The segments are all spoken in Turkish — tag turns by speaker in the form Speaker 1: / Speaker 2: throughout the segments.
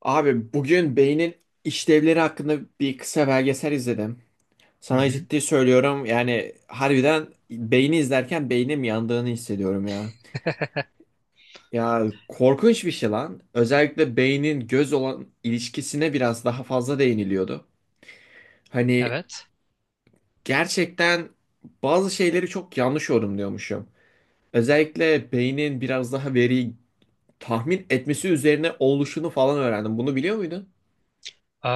Speaker 1: Abi bugün beynin işlevleri hakkında bir kısa belgesel izledim.
Speaker 2: Hı
Speaker 1: Sana
Speaker 2: hı.
Speaker 1: ciddi söylüyorum yani harbiden beyni izlerken beynim yandığını hissediyorum ya. Ya korkunç bir şey lan. Özellikle beynin göz olan ilişkisine biraz daha fazla değiniliyordu. Hani
Speaker 2: Evet.
Speaker 1: gerçekten bazı şeyleri çok yanlış yorumluyormuşum. Özellikle beynin biraz daha veriyi tahmin etmesi üzerine oluşunu falan öğrendim. Bunu biliyor muydun?
Speaker 2: Ee,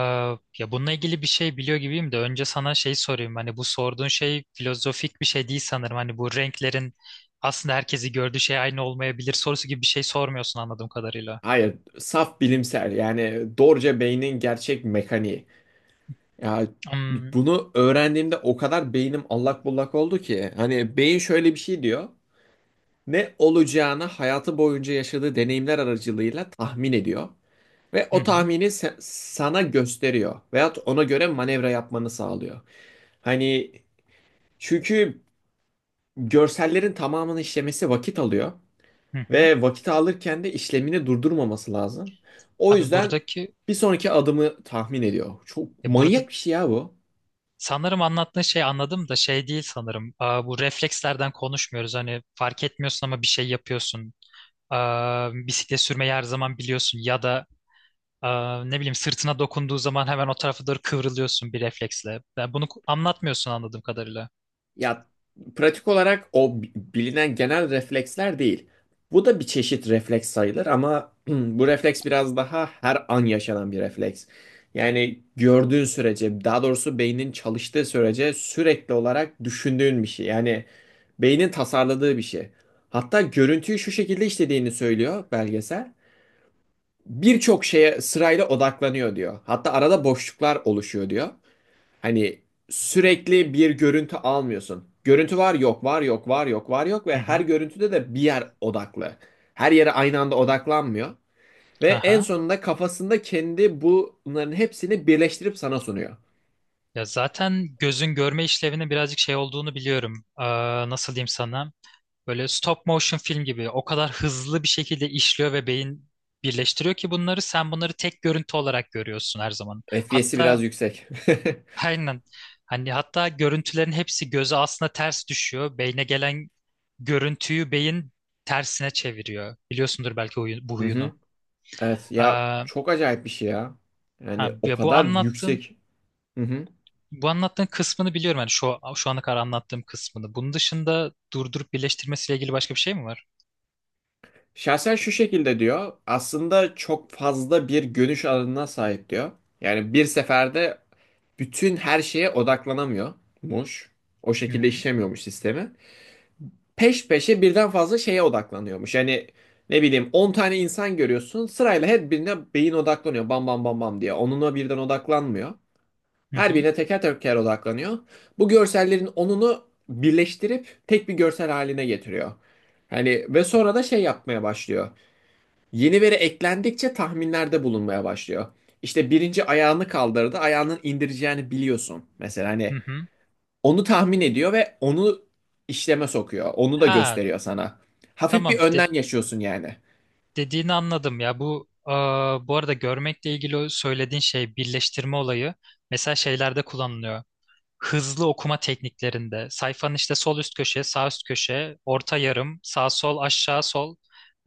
Speaker 2: Ya bununla ilgili bir şey biliyor gibiyim de önce sana şey sorayım. Hani bu sorduğun şey filozofik bir şey değil sanırım. Hani bu renklerin aslında herkesi gördüğü şey aynı olmayabilir sorusu gibi bir şey sormuyorsun anladığım kadarıyla.
Speaker 1: Hayır, saf bilimsel yani doğruca beynin gerçek mekaniği. Ya
Speaker 2: Hmm.
Speaker 1: bunu öğrendiğimde o kadar beynim allak bullak oldu ki hani beyin şöyle bir şey diyor. Ne olacağını hayatı boyunca yaşadığı deneyimler aracılığıyla tahmin ediyor ve
Speaker 2: Hı
Speaker 1: o
Speaker 2: hı.
Speaker 1: tahmini sana gösteriyor veyahut ona göre manevra yapmanı sağlıyor. Hani çünkü görsellerin tamamını işlemesi vakit alıyor.
Speaker 2: Hı hı.
Speaker 1: Ve vakit alırken de işlemini durdurmaması lazım. O
Speaker 2: Abi
Speaker 1: yüzden
Speaker 2: buradaki
Speaker 1: bir sonraki adımı tahmin ediyor. Çok
Speaker 2: Ya burada
Speaker 1: manyak bir şey ya bu.
Speaker 2: sanırım anlattığın şey anladım da şey değil sanırım. Bu reflekslerden konuşmuyoruz. Hani fark etmiyorsun ama bir şey yapıyorsun. Bisiklet sürmeyi her zaman biliyorsun ya da ne bileyim sırtına dokunduğu zaman hemen o tarafa doğru kıvrılıyorsun bir refleksle. Yani bunu anlatmıyorsun anladığım kadarıyla.
Speaker 1: Ya pratik olarak o bilinen genel refleksler değil. Bu da bir çeşit refleks sayılır ama bu refleks biraz daha her an yaşanan bir refleks. Yani gördüğün sürece, daha doğrusu beynin çalıştığı sürece sürekli olarak düşündüğün bir şey. Yani beynin tasarladığı bir şey. Hatta görüntüyü şu şekilde işlediğini söylüyor belgesel. Birçok şeye sırayla odaklanıyor diyor. Hatta arada boşluklar oluşuyor diyor. Hani sürekli bir görüntü almıyorsun. Görüntü var yok var yok var yok var yok ve
Speaker 2: Hı
Speaker 1: her
Speaker 2: hı.
Speaker 1: görüntüde de bir yer odaklı. Her yere aynı anda odaklanmıyor. Ve en
Speaker 2: Aha.
Speaker 1: sonunda kafasında kendi bunların hepsini birleştirip sana sunuyor.
Speaker 2: Ya zaten gözün görme işlevinin birazcık şey olduğunu biliyorum. Nasıl diyeyim sana? Böyle stop motion film gibi o kadar hızlı bir şekilde işliyor ve beyin birleştiriyor ki bunları sen bunları tek görüntü olarak görüyorsun her zaman.
Speaker 1: FPS'i
Speaker 2: Hatta
Speaker 1: biraz yüksek.
Speaker 2: Aynen. Hani hatta görüntülerin hepsi göze aslında ters düşüyor. Beyne gelen görüntüyü beyin tersine çeviriyor. Biliyorsundur belki bu
Speaker 1: Hı hı.
Speaker 2: huyunu.
Speaker 1: Evet
Speaker 2: Ee,
Speaker 1: ya
Speaker 2: ha,
Speaker 1: çok acayip bir şey ya. Yani o
Speaker 2: ya bu
Speaker 1: kadar
Speaker 2: anlattığım
Speaker 1: yüksek. Hı hı.
Speaker 2: bu anlattığın kısmını biliyorum. Yani şu şu ana kadar anlattığım kısmını. Bunun dışında durdurup birleştirmesiyle ilgili başka bir şey mi var?
Speaker 1: Şahsen şu şekilde diyor. Aslında çok fazla bir görüş alanına sahip diyor. Yani bir seferde bütün her şeye odaklanamıyormuş. O
Speaker 2: Hı
Speaker 1: şekilde
Speaker 2: hı.
Speaker 1: işlemiyormuş sistemi. Peş peşe birden fazla şeye odaklanıyormuş. Yani ne bileyim 10 tane insan görüyorsun. Sırayla her birine beyin odaklanıyor. Bam bam bam bam diye. Onuna birden odaklanmıyor.
Speaker 2: Hı
Speaker 1: Her
Speaker 2: hı.
Speaker 1: birine teker teker odaklanıyor. Bu görsellerin onunu birleştirip tek bir görsel haline getiriyor. Hani ve sonra da şey yapmaya başlıyor. Yeni veri eklendikçe tahminlerde bulunmaya başlıyor. İşte birinci ayağını kaldırdı, ayağının indireceğini biliyorsun. Mesela
Speaker 2: Hı
Speaker 1: hani
Speaker 2: hı.
Speaker 1: onu tahmin ediyor ve onu işleme sokuyor. Onu da
Speaker 2: Ha,
Speaker 1: gösteriyor sana. Hafif bir
Speaker 2: tamam.
Speaker 1: önden yaşıyorsun yani.
Speaker 2: Dediğini anladım ya bu bu arada görmekle ilgili o söylediğin şey birleştirme olayı mesela şeylerde kullanılıyor. Hızlı okuma tekniklerinde sayfanın işte sol üst köşe, sağ üst köşe, orta yarım, sağ sol, aşağı sol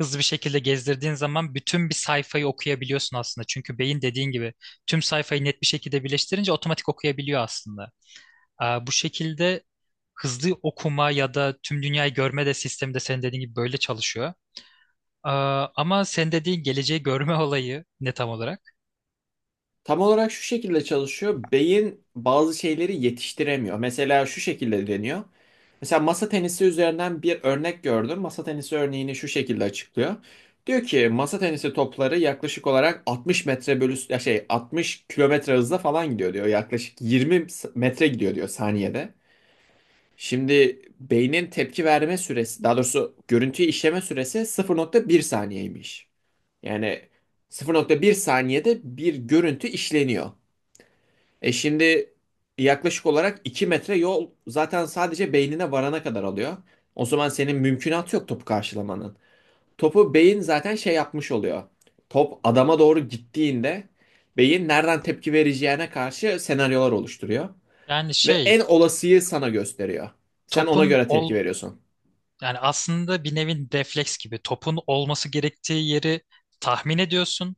Speaker 2: hızlı bir şekilde gezdirdiğin zaman bütün bir sayfayı okuyabiliyorsun aslında. Çünkü beyin dediğin gibi tüm sayfayı net bir şekilde birleştirince otomatik okuyabiliyor aslında. Bu şekilde hızlı okuma ya da tüm dünyayı görme de sistemi de senin dediğin gibi böyle çalışıyor. Ama sen dediğin geleceği görme olayı ne tam olarak?
Speaker 1: Tam olarak şu şekilde çalışıyor. Beyin bazı şeyleri yetiştiremiyor. Mesela şu şekilde deniyor. Mesela masa tenisi üzerinden bir örnek gördüm. Masa tenisi örneğini şu şekilde açıklıyor. Diyor ki masa tenisi topları yaklaşık olarak 60 metre bölü ya şey 60 kilometre hızla falan gidiyor diyor. Yaklaşık 20 metre gidiyor diyor saniyede. Şimdi beynin tepki verme süresi daha doğrusu görüntüyü işleme süresi 0,1 saniyeymiş. Yani 0,1 saniyede bir görüntü işleniyor. E şimdi yaklaşık olarak 2 metre yol zaten sadece beynine varana kadar alıyor. O zaman senin mümkünatı yok topu karşılamanın. Topu beyin zaten şey yapmış oluyor. Top adama doğru gittiğinde beyin nereden tepki vereceğine karşı senaryolar oluşturuyor.
Speaker 2: Yani
Speaker 1: Ve
Speaker 2: şey
Speaker 1: en olasıyı sana gösteriyor. Sen ona
Speaker 2: topun
Speaker 1: göre
Speaker 2: ol
Speaker 1: tepki veriyorsun.
Speaker 2: Yani aslında bir nevi refleks gibi topun olması gerektiği yeri tahmin ediyorsun.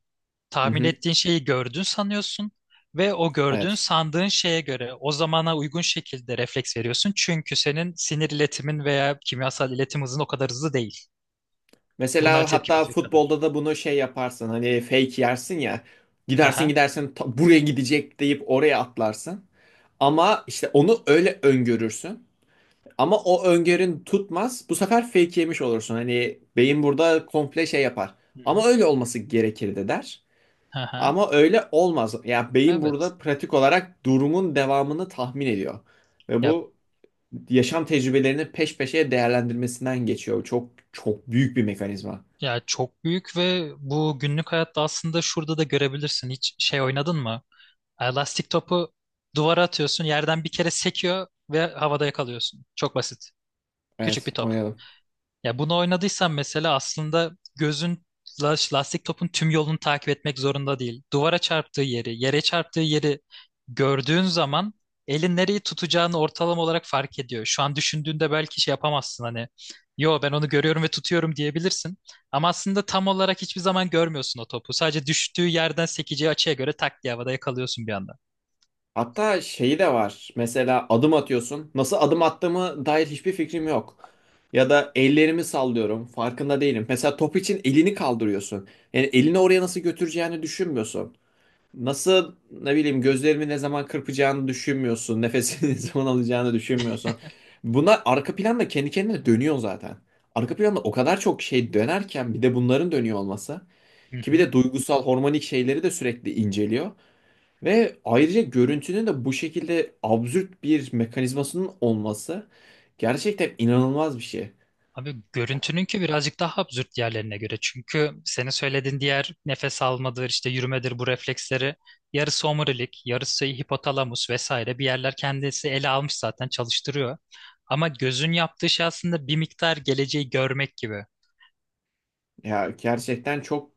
Speaker 1: Hı
Speaker 2: Tahmin
Speaker 1: hı,
Speaker 2: ettiğin şeyi gördün sanıyorsun ve o gördüğün
Speaker 1: evet.
Speaker 2: sandığın şeye göre o zamana uygun şekilde refleks veriyorsun. Çünkü senin sinir iletimin veya kimyasal iletim hızın o kadar hızlı değil. Bunlara
Speaker 1: Mesela
Speaker 2: tepki
Speaker 1: hatta
Speaker 2: verecek
Speaker 1: futbolda
Speaker 2: kadar.
Speaker 1: da bunu şey yaparsın. Hani fake yersin ya.
Speaker 2: Hı
Speaker 1: Gidersin
Speaker 2: hı.
Speaker 1: gidersin buraya gidecek deyip oraya atlarsın. Ama işte onu öyle öngörürsün. Ama o öngörün tutmaz. Bu sefer fake yemiş olursun. Hani beyin burada komple şey yapar.
Speaker 2: Hı
Speaker 1: Ama
Speaker 2: hı.
Speaker 1: öyle olması gerekirdi der.
Speaker 2: Hı hı.
Speaker 1: Ama öyle olmaz. Yani beyin
Speaker 2: Evet.
Speaker 1: burada pratik olarak durumun devamını tahmin ediyor. Ve
Speaker 2: Ya
Speaker 1: bu yaşam tecrübelerini peş peşe değerlendirmesinden geçiyor. Çok çok büyük bir mekanizma.
Speaker 2: Ya çok büyük ve bu günlük hayatta aslında şurada da görebilirsin. Hiç şey oynadın mı? Elastik topu duvara atıyorsun, yerden bir kere sekiyor ve havada yakalıyorsun. Çok basit. Küçük bir
Speaker 1: Evet,
Speaker 2: top.
Speaker 1: oynayalım.
Speaker 2: Ya bunu oynadıysan mesela aslında gözün lastik topun tüm yolunu takip etmek zorunda değil. Duvara çarptığı yeri, yere çarptığı yeri gördüğün zaman elin nereyi tutacağını ortalama olarak fark ediyor. Şu an düşündüğünde belki şey yapamazsın hani. Yo, ben onu görüyorum ve tutuyorum diyebilirsin. Ama aslında tam olarak hiçbir zaman görmüyorsun o topu. Sadece düştüğü yerden sekeceği açıya göre tak diye havada yakalıyorsun bir anda.
Speaker 1: Hatta şeyi de var. Mesela adım atıyorsun. Nasıl adım attığımı dair hiçbir fikrim yok. Ya da ellerimi sallıyorum. Farkında değilim. Mesela top için elini kaldırıyorsun. Yani elini oraya nasıl götüreceğini düşünmüyorsun. Nasıl ne bileyim gözlerini ne zaman kırpacağını düşünmüyorsun. Nefesini ne zaman alacağını düşünmüyorsun. Bunlar arka planda kendi kendine dönüyor zaten. Arka planda o kadar çok şey dönerken bir de bunların dönüyor olması. Ki bir de duygusal hormonik şeyleri de sürekli inceliyor. Ve ayrıca görüntünün de bu şekilde absürt bir mekanizmasının olması gerçekten inanılmaz bir şey.
Speaker 2: Abi görüntününki birazcık daha absürt yerlerine göre. Çünkü senin söylediğin diğer nefes almadır, işte yürümedir bu refleksleri yarısı omurilik, yarısı hipotalamus vesaire bir yerler kendisi ele almış zaten çalıştırıyor. Ama gözün yaptığı şey aslında bir miktar geleceği görmek gibi.
Speaker 1: Ya gerçekten çok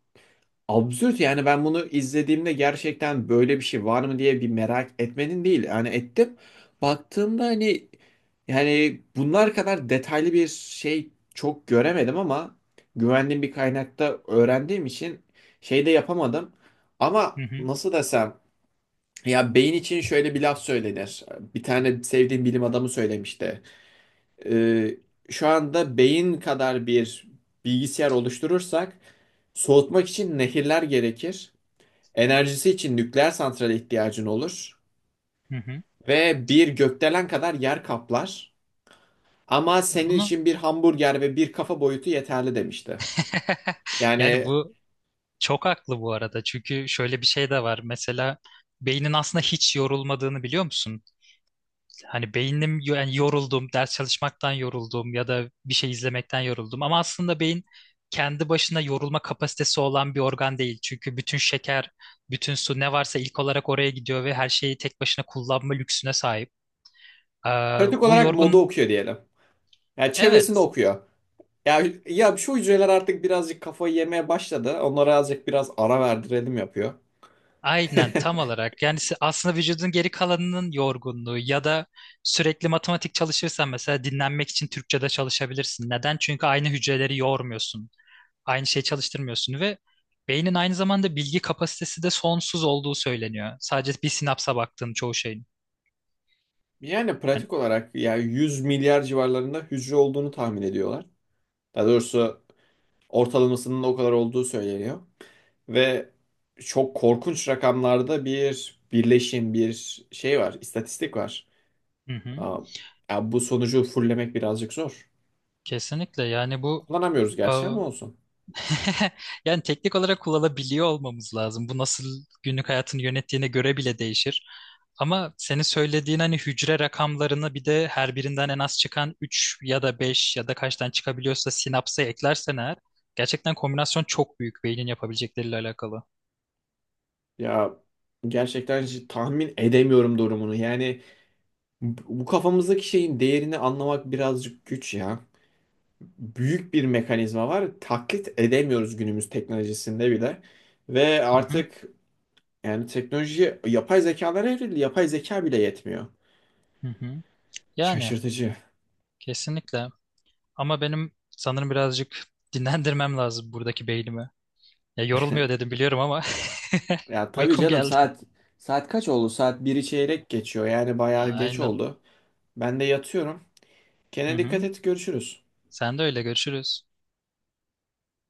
Speaker 1: absürt yani ben bunu izlediğimde gerçekten böyle bir şey var mı diye bir merak etmenin değil. Yani ettim. Baktığımda hani yani bunlar kadar detaylı bir şey çok göremedim ama güvendiğim bir kaynakta öğrendiğim için şey de yapamadım.
Speaker 2: Hı
Speaker 1: Ama
Speaker 2: hı,
Speaker 1: nasıl desem ya beyin için şöyle bir laf söylenir. Bir tane sevdiğim bilim adamı söylemişti. Ee, Şu anda beyin kadar bir bilgisayar oluşturursak soğutmak için nehirler gerekir. Enerjisi için nükleer santrale ihtiyacın olur
Speaker 2: hı hı.
Speaker 1: ve bir gökdelen kadar yer kaplar. Ama senin
Speaker 2: Bunu
Speaker 1: için bir hamburger ve bir kafa boyutu yeterli demişti.
Speaker 2: yani
Speaker 1: Yani
Speaker 2: bu çok haklı bu arada. Çünkü şöyle bir şey de var. Mesela beynin aslında hiç yorulmadığını biliyor musun? Hani beynim yani yoruldum, ders çalışmaktan yoruldum ya da bir şey izlemekten yoruldum. Ama aslında beyin kendi başına yorulma kapasitesi olan bir organ değil. Çünkü bütün şeker, bütün su ne varsa ilk olarak oraya gidiyor ve her şeyi tek başına kullanma lüksüne sahip. Ee,
Speaker 1: pratik
Speaker 2: bu
Speaker 1: olarak moda
Speaker 2: yorgun,
Speaker 1: okuyor diyelim. Yani çevresini
Speaker 2: evet,
Speaker 1: okuyor. Ya, ya şu hücreler artık birazcık kafayı yemeye başladı. Onlara azıcık biraz ara verdirelim yapıyor.
Speaker 2: aynen tam olarak. Yani aslında vücudun geri kalanının yorgunluğu ya da sürekli matematik çalışırsan mesela dinlenmek için Türkçe'de çalışabilirsin. Neden? Çünkü aynı hücreleri yormuyorsun. Aynı şey çalıştırmıyorsun ve beynin aynı zamanda bilgi kapasitesi de sonsuz olduğu söyleniyor. Sadece bir sinapsa baktığın çoğu şeyin.
Speaker 1: Yani
Speaker 2: Yani,
Speaker 1: pratik olarak ya 100 milyar civarlarında hücre olduğunu tahmin ediyorlar. Daha doğrusu ortalamasının o kadar olduğu söyleniyor. Ve çok korkunç rakamlarda bir birleşim, bir şey var, istatistik var.
Speaker 2: hı hı,
Speaker 1: Aa, Ya bu sonucu fullemek birazcık zor.
Speaker 2: kesinlikle yani
Speaker 1: Kullanamıyoruz
Speaker 2: e,
Speaker 1: gerçi ama olsun.
Speaker 2: yani teknik olarak kullanabiliyor olmamız lazım. Bu nasıl günlük hayatını yönettiğine göre bile değişir. Ama senin söylediğin hani hücre rakamlarını bir de her birinden en az çıkan 3 ya da 5 ya da kaçtan çıkabiliyorsa sinapsa eklersen eğer gerçekten kombinasyon çok büyük beynin yapabilecekleriyle alakalı.
Speaker 1: Ya gerçekten hiç tahmin edemiyorum durumunu. Yani bu kafamızdaki şeyin değerini anlamak birazcık güç ya. Büyük bir mekanizma var. Taklit edemiyoruz günümüz teknolojisinde bile. Ve
Speaker 2: Hı hı,
Speaker 1: artık yani teknoloji yapay zekalara evrildi. Yapay zeka bile yetmiyor.
Speaker 2: hı hı. Yani
Speaker 1: Şaşırtıcı.
Speaker 2: Kesinlikle. Ama benim sanırım birazcık dinlendirmem lazım buradaki beynimi. Ya yorulmuyor dedim biliyorum ama
Speaker 1: Ya tabii
Speaker 2: uykum
Speaker 1: canım
Speaker 2: geldi.
Speaker 1: saat kaç oldu? Saat 1'i çeyrek geçiyor. Yani bayağı geç
Speaker 2: Aynen.
Speaker 1: oldu. Ben de yatıyorum.
Speaker 2: Hı
Speaker 1: Kendine dikkat
Speaker 2: hı.
Speaker 1: et. Görüşürüz.
Speaker 2: Sen de öyle, görüşürüz.